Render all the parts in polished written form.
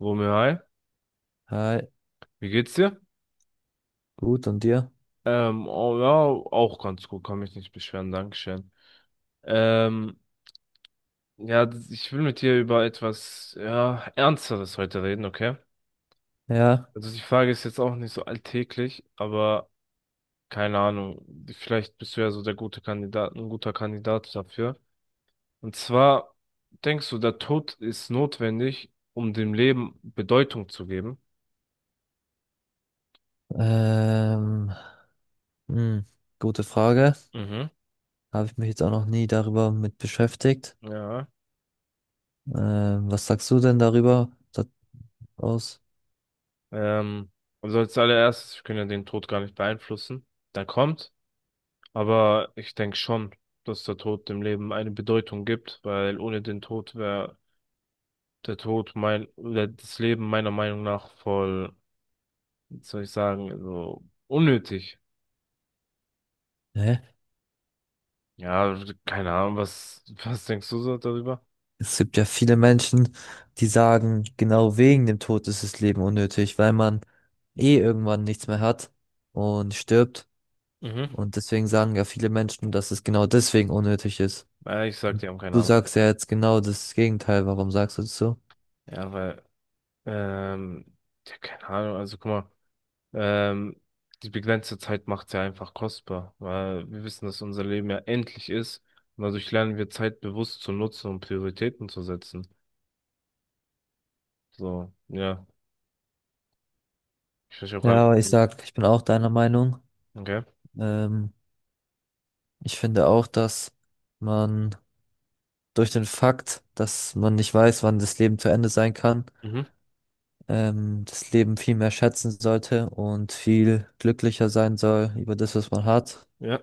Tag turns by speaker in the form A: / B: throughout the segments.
A: Romeo, hi,
B: Hi,
A: wie geht's dir?
B: gut, und dir?
A: Oh, ja, auch ganz gut, kann mich nicht beschweren, Dankeschön. Ähm, ja, ich will mit dir über etwas, ja, Ernsteres heute reden, okay?
B: Ja,
A: Also die Frage ist jetzt auch nicht so alltäglich, aber keine Ahnung, vielleicht bist du ja so ein guter Kandidat dafür. Und zwar, denkst du, der Tod ist notwendig, um dem Leben Bedeutung zu geben?
B: ähm, hm, gute Frage.
A: Mhm.
B: Habe ich mich jetzt auch noch nie darüber mit beschäftigt.
A: Ja.
B: Was sagst du denn darüber da aus?
A: Ähm, also als allererstes, wir können ja den Tod gar nicht beeinflussen. Der kommt. Aber ich denke schon, dass der Tod dem Leben eine Bedeutung gibt, weil ohne den Tod wäre der Tod mein, oder das Leben meiner Meinung nach voll, wie soll ich sagen, also unnötig.
B: Hä?
A: Ja, keine Ahnung, was denkst du so darüber?
B: Es gibt ja viele Menschen, die sagen, genau wegen dem Tod ist das Leben unnötig, weil man eh irgendwann nichts mehr hat und stirbt.
A: Mhm.
B: Und deswegen sagen ja viele Menschen, dass es genau deswegen unnötig ist.
A: Ich sag, die haben keine
B: Du
A: Ahnung.
B: sagst ja jetzt genau das Gegenteil. Warum sagst du das so?
A: Ja, weil, ähm, ja, keine Ahnung, also guck mal. Ähm, die begrenzte Zeit macht ja einfach kostbar, weil wir wissen, dass unser Leben ja endlich ist. Und dadurch lernen wir Zeit bewusst zu nutzen und Prioritäten zu setzen. So, ja. Ich verstehe auch gar
B: Ja,
A: nicht,
B: aber ich sag, ich bin auch deiner Meinung.
A: okay.
B: Ähm, Ich finde auch, dass man durch den Fakt, dass man nicht weiß, wann das Leben zu Ende sein kann,
A: Mhm.
B: das Leben viel mehr schätzen sollte und viel glücklicher sein soll über das, was man hat
A: Ja.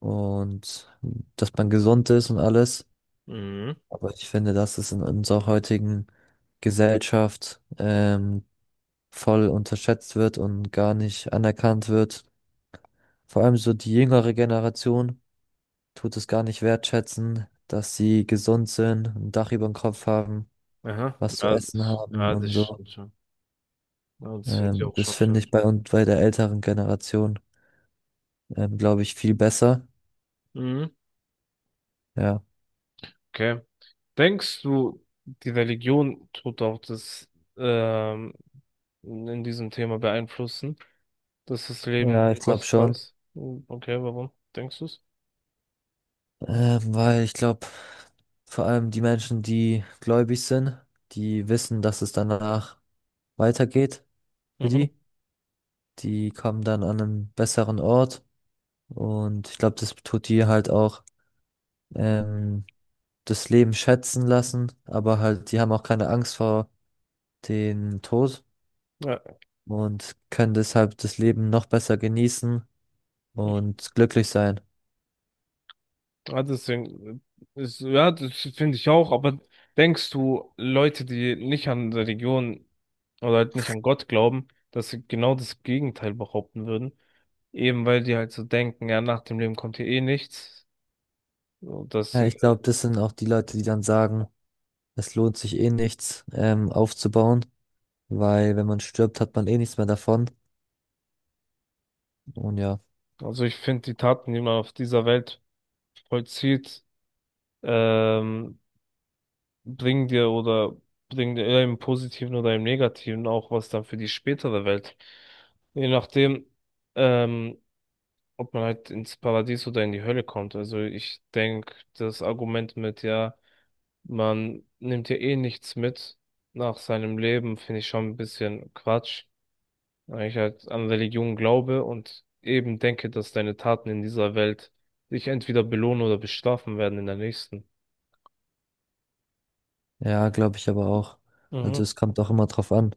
B: und dass man gesund ist und alles.
A: Mhm.
B: Aber ich finde, dass es in unserer heutigen Gesellschaft voll unterschätzt wird und gar nicht anerkannt wird. Vor allem so die jüngere Generation tut es gar nicht wertschätzen, dass sie gesund sind, ein Dach über dem Kopf haben,
A: Aha.
B: was zu essen haben
A: Ja, das
B: und so.
A: stimmt schon. Ja, das finde ich auch
B: Das
A: schon
B: finde
A: schön.
B: ich bei uns bei der älteren Generation, glaube ich, viel besser.
A: Mhm.
B: Ja,
A: Okay. Denkst du, die Religion tut auch das ähm, in diesem Thema beeinflussen? Dass das Leben
B: ja, ich glaube
A: kostbar
B: schon,
A: ist. Hm, okay, warum denkst du es?
B: weil ich glaube, vor allem die Menschen, die gläubig sind, die wissen, dass es danach weitergeht für
A: Mhm.
B: die. Die kommen dann an einen besseren Ort und ich glaube, das tut die halt auch. Ähm, Das Leben schätzen lassen, aber halt, die haben auch keine Angst vor dem Tod
A: Ja,
B: und können deshalb das Leben noch besser genießen und glücklich sein.
A: ja, deswegen, ist, ja, das finde ich auch, aber denkst du, Leute, die nicht an Religion oder halt nicht an Gott glauben, dass sie genau das Gegenteil behaupten würden? Eben weil die halt so denken, ja, nach dem Leben kommt hier eh nichts. Und dass
B: Ja,
A: sie,
B: ich glaube, das sind auch die Leute, die dann sagen, es lohnt sich eh nichts, aufzubauen, weil wenn man stirbt, hat man eh nichts mehr davon. Und ja,
A: also ich finde die Taten, die man auf dieser Welt vollzieht, ähm, bringen dir oder bringen dir eher im Positiven oder im Negativen auch was dann für die spätere Welt. Je nachdem, ähm, ob man halt ins Paradies oder in die Hölle kommt. Also ich denke, das Argument mit, ja, man nimmt ja eh nichts mit nach seinem Leben, finde ich schon ein bisschen Quatsch. Weil ich halt an Religion glaube und eben denke, dass deine Taten in dieser Welt dich entweder belohnen oder bestrafen werden in der nächsten.
B: ja, glaube ich aber auch. Also
A: Mhm.
B: es kommt auch immer drauf an,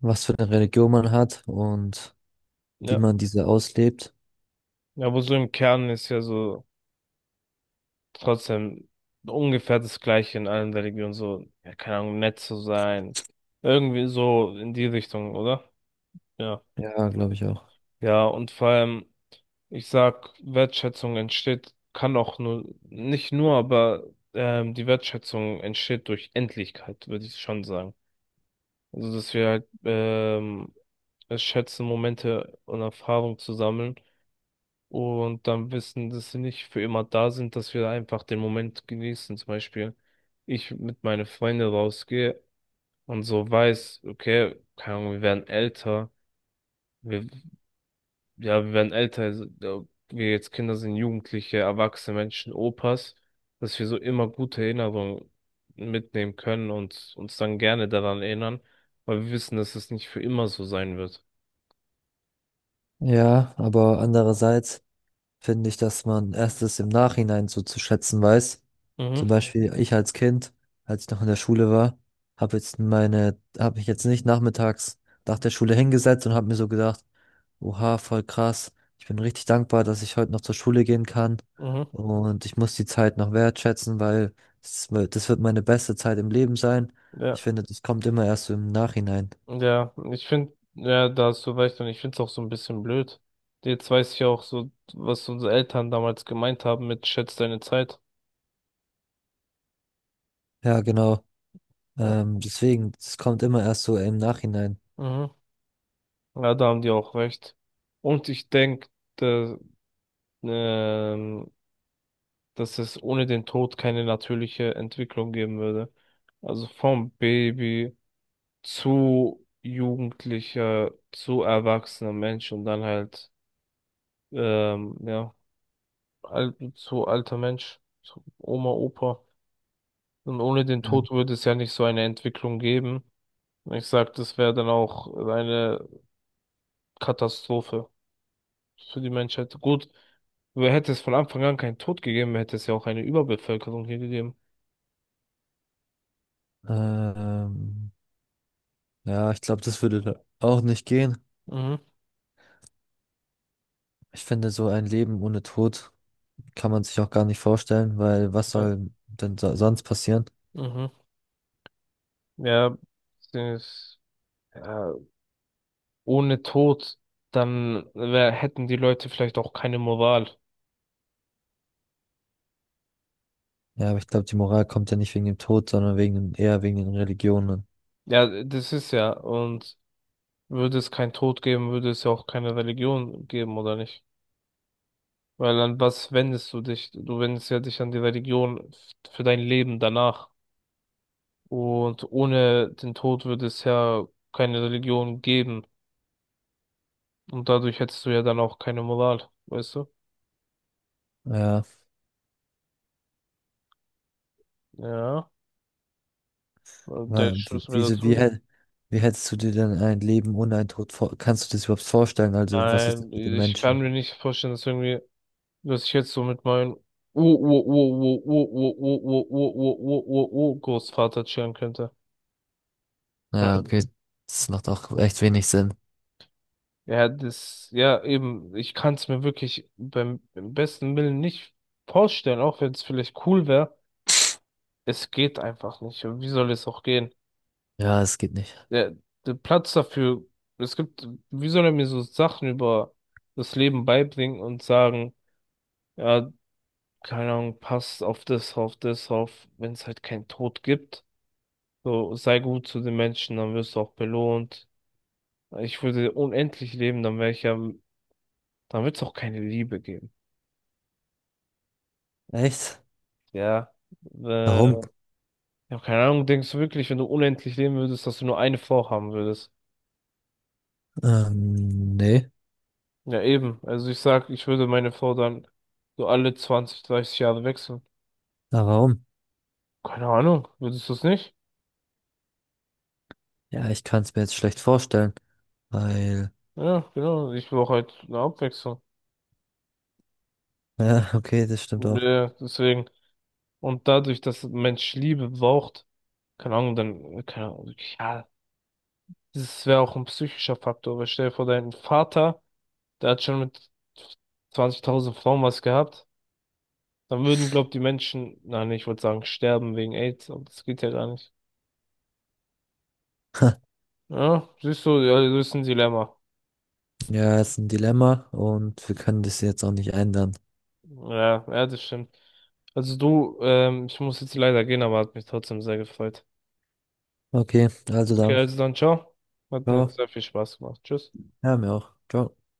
B: was für eine Religion man hat und wie
A: Ja.
B: man diese auslebt.
A: Ja, aber so im Kern ist ja so trotzdem ungefähr das Gleiche in allen Religionen, so, ja, keine Ahnung, nett zu sein. Irgendwie so in die Richtung, oder? Ja.
B: Ja, glaube ich auch.
A: Ja, und vor allem, ich sag, Wertschätzung entsteht, kann auch nur, nicht nur, aber die Wertschätzung entsteht durch Endlichkeit, würde ich schon sagen. Also, dass wir halt es schätzen, Momente und Erfahrung zu sammeln und dann wissen, dass sie nicht für immer da sind, dass wir einfach den Moment genießen. Zum Beispiel, ich mit meinen Freunden rausgehe und so weiß, okay, keine Ahnung, wir werden älter, wir, ja, wir werden älter, also, ja, wir jetzt Kinder sind, Jugendliche, erwachsene Menschen, Opas, dass wir so immer gute Erinnerungen mitnehmen können und uns dann gerne daran erinnern, weil wir wissen, dass es nicht für immer so sein wird.
B: Ja, aber andererseits finde ich, dass man erstes im Nachhinein so zu schätzen weiß.
A: Mhm,
B: Zum Beispiel ich als Kind, als ich noch in der Schule war, habe jetzt meine, habe ich jetzt nicht nachmittags nach der Schule hingesetzt und habe mir so gedacht, oha, voll krass, ich bin richtig dankbar, dass ich heute noch zur Schule gehen kann
A: mhm,
B: und ich muss die Zeit noch wertschätzen, weil das wird meine beste Zeit im Leben sein.
A: ja.
B: Ich finde, das kommt immer erst so im Nachhinein.
A: Ja, ich finde, ja, da hast du recht und ich finde es auch so ein bisschen blöd. Jetzt weiß ich ja auch so, was unsere Eltern damals gemeint haben mit schätz deine Zeit.
B: Ja, genau.
A: Ja.
B: Deswegen, das kommt immer erst so im Nachhinein.
A: Mhm. Ja, da haben die auch recht. Und ich denke, da, ähm, dass es ohne den Tod keine natürliche Entwicklung geben würde. Also vom Baby zu Jugendlicher, zu erwachsener Mensch und dann halt, ähm, ja, al zu alter Mensch, zu Oma, Opa. Und ohne den Tod würde es ja nicht so eine Entwicklung geben. Und ich sag, das wäre dann auch eine Katastrophe für die Menschheit. Gut, hätte es von Anfang an keinen Tod gegeben, hätte es ja auch eine Überbevölkerung hier gegeben.
B: Ähm, Ja, ich glaube, das würde da auch nicht gehen.
A: Mhm.
B: Ich finde, so ein Leben ohne Tod kann man sich auch gar nicht vorstellen, weil was
A: Ja,
B: soll denn so sonst passieren?
A: mhm. Ja, das, ja, ohne Tod, dann wär, hätten die Leute vielleicht auch keine Moral.
B: Ja, aber ich glaube, die Moral kommt ja nicht wegen dem Tod, sondern wegen, eher wegen den Religionen.
A: Ja, das ist ja. Und würde es keinen Tod geben, würde es ja auch keine Religion geben, oder nicht? Weil an was wendest du dich? Du wendest ja dich an die Religion für dein Leben danach. Und ohne den Tod würde es ja keine Religion geben. Und dadurch hättest du ja dann auch keine Moral, weißt du?
B: Ja,
A: Ja, und der
B: weil
A: Schuss mir dazu.
B: wie hättest du dir denn ein Leben ohne einen Tod vor, kannst du das überhaupt vorstellen? Also, was ist denn
A: Nein,
B: mit den
A: ich kann
B: Menschen?
A: mir nicht vorstellen, dass irgendwie, dass ich jetzt so mit meinem Ur-Ur-Ur-Ur-Ur-Ur-Ur-Ur-Ur-Ur-Ur-Ur-Großvater chillen könnte.
B: Ja, okay, das macht auch echt wenig Sinn.
A: Ja, das, ja, eben, ich kann es mir wirklich beim besten Willen nicht vorstellen, auch wenn es vielleicht cool wäre. Es geht einfach nicht. Und wie soll es auch gehen?
B: Ja, es geht nicht.
A: Der, der Platz dafür, es gibt, wie soll er mir so Sachen über das Leben beibringen und sagen, ja, keine Ahnung, passt auf auf, wenn es halt keinen Tod gibt. So, sei gut zu den Menschen, dann wirst du auch belohnt. Ich würde unendlich leben, dann wäre ich ja, dann wird es auch keine Liebe geben.
B: Echt?
A: Ja. Äh,
B: Warum?
A: ja, keine Ahnung, denkst du wirklich, wenn du unendlich leben würdest, dass du nur eine Frau haben würdest?
B: Ja. Nee,
A: Ja, eben. Also ich sag, ich würde meine Frau dann so alle 20, 30 Jahre wechseln.
B: aber warum?
A: Keine Ahnung, würdest du es nicht?
B: Ja, ich kann es mir jetzt schlecht vorstellen. Weil,
A: Ja, genau. Ich brauche halt eine Abwechslung.
B: ja, okay, das stimmt
A: Und,
B: auch.
A: deswegen. Und dadurch, dass ein Mensch Liebe braucht, keine Ahnung, dann, keine Ahnung, ja, das wäre auch ein psychischer Faktor. Weil stell dir vor, dein Vater, der hat schon mit 20.000 Frauen was gehabt. Dann würden, glaub, die Menschen, nein ich wollte sagen, sterben wegen AIDS, aber das geht ja gar nicht. Ja, siehst du, ja, das ist ein Dilemma.
B: Ja, ist ein Dilemma und wir können das jetzt auch nicht ändern.
A: Ja, ja, das stimmt. Also du, ich muss jetzt leider gehen, aber hat mich trotzdem sehr gefreut.
B: Okay, also
A: Okay,
B: dann.
A: also dann ciao. Hat mir
B: Ja,
A: sehr viel Spaß gemacht. Tschüss.
B: ja, mir auch. Ciao.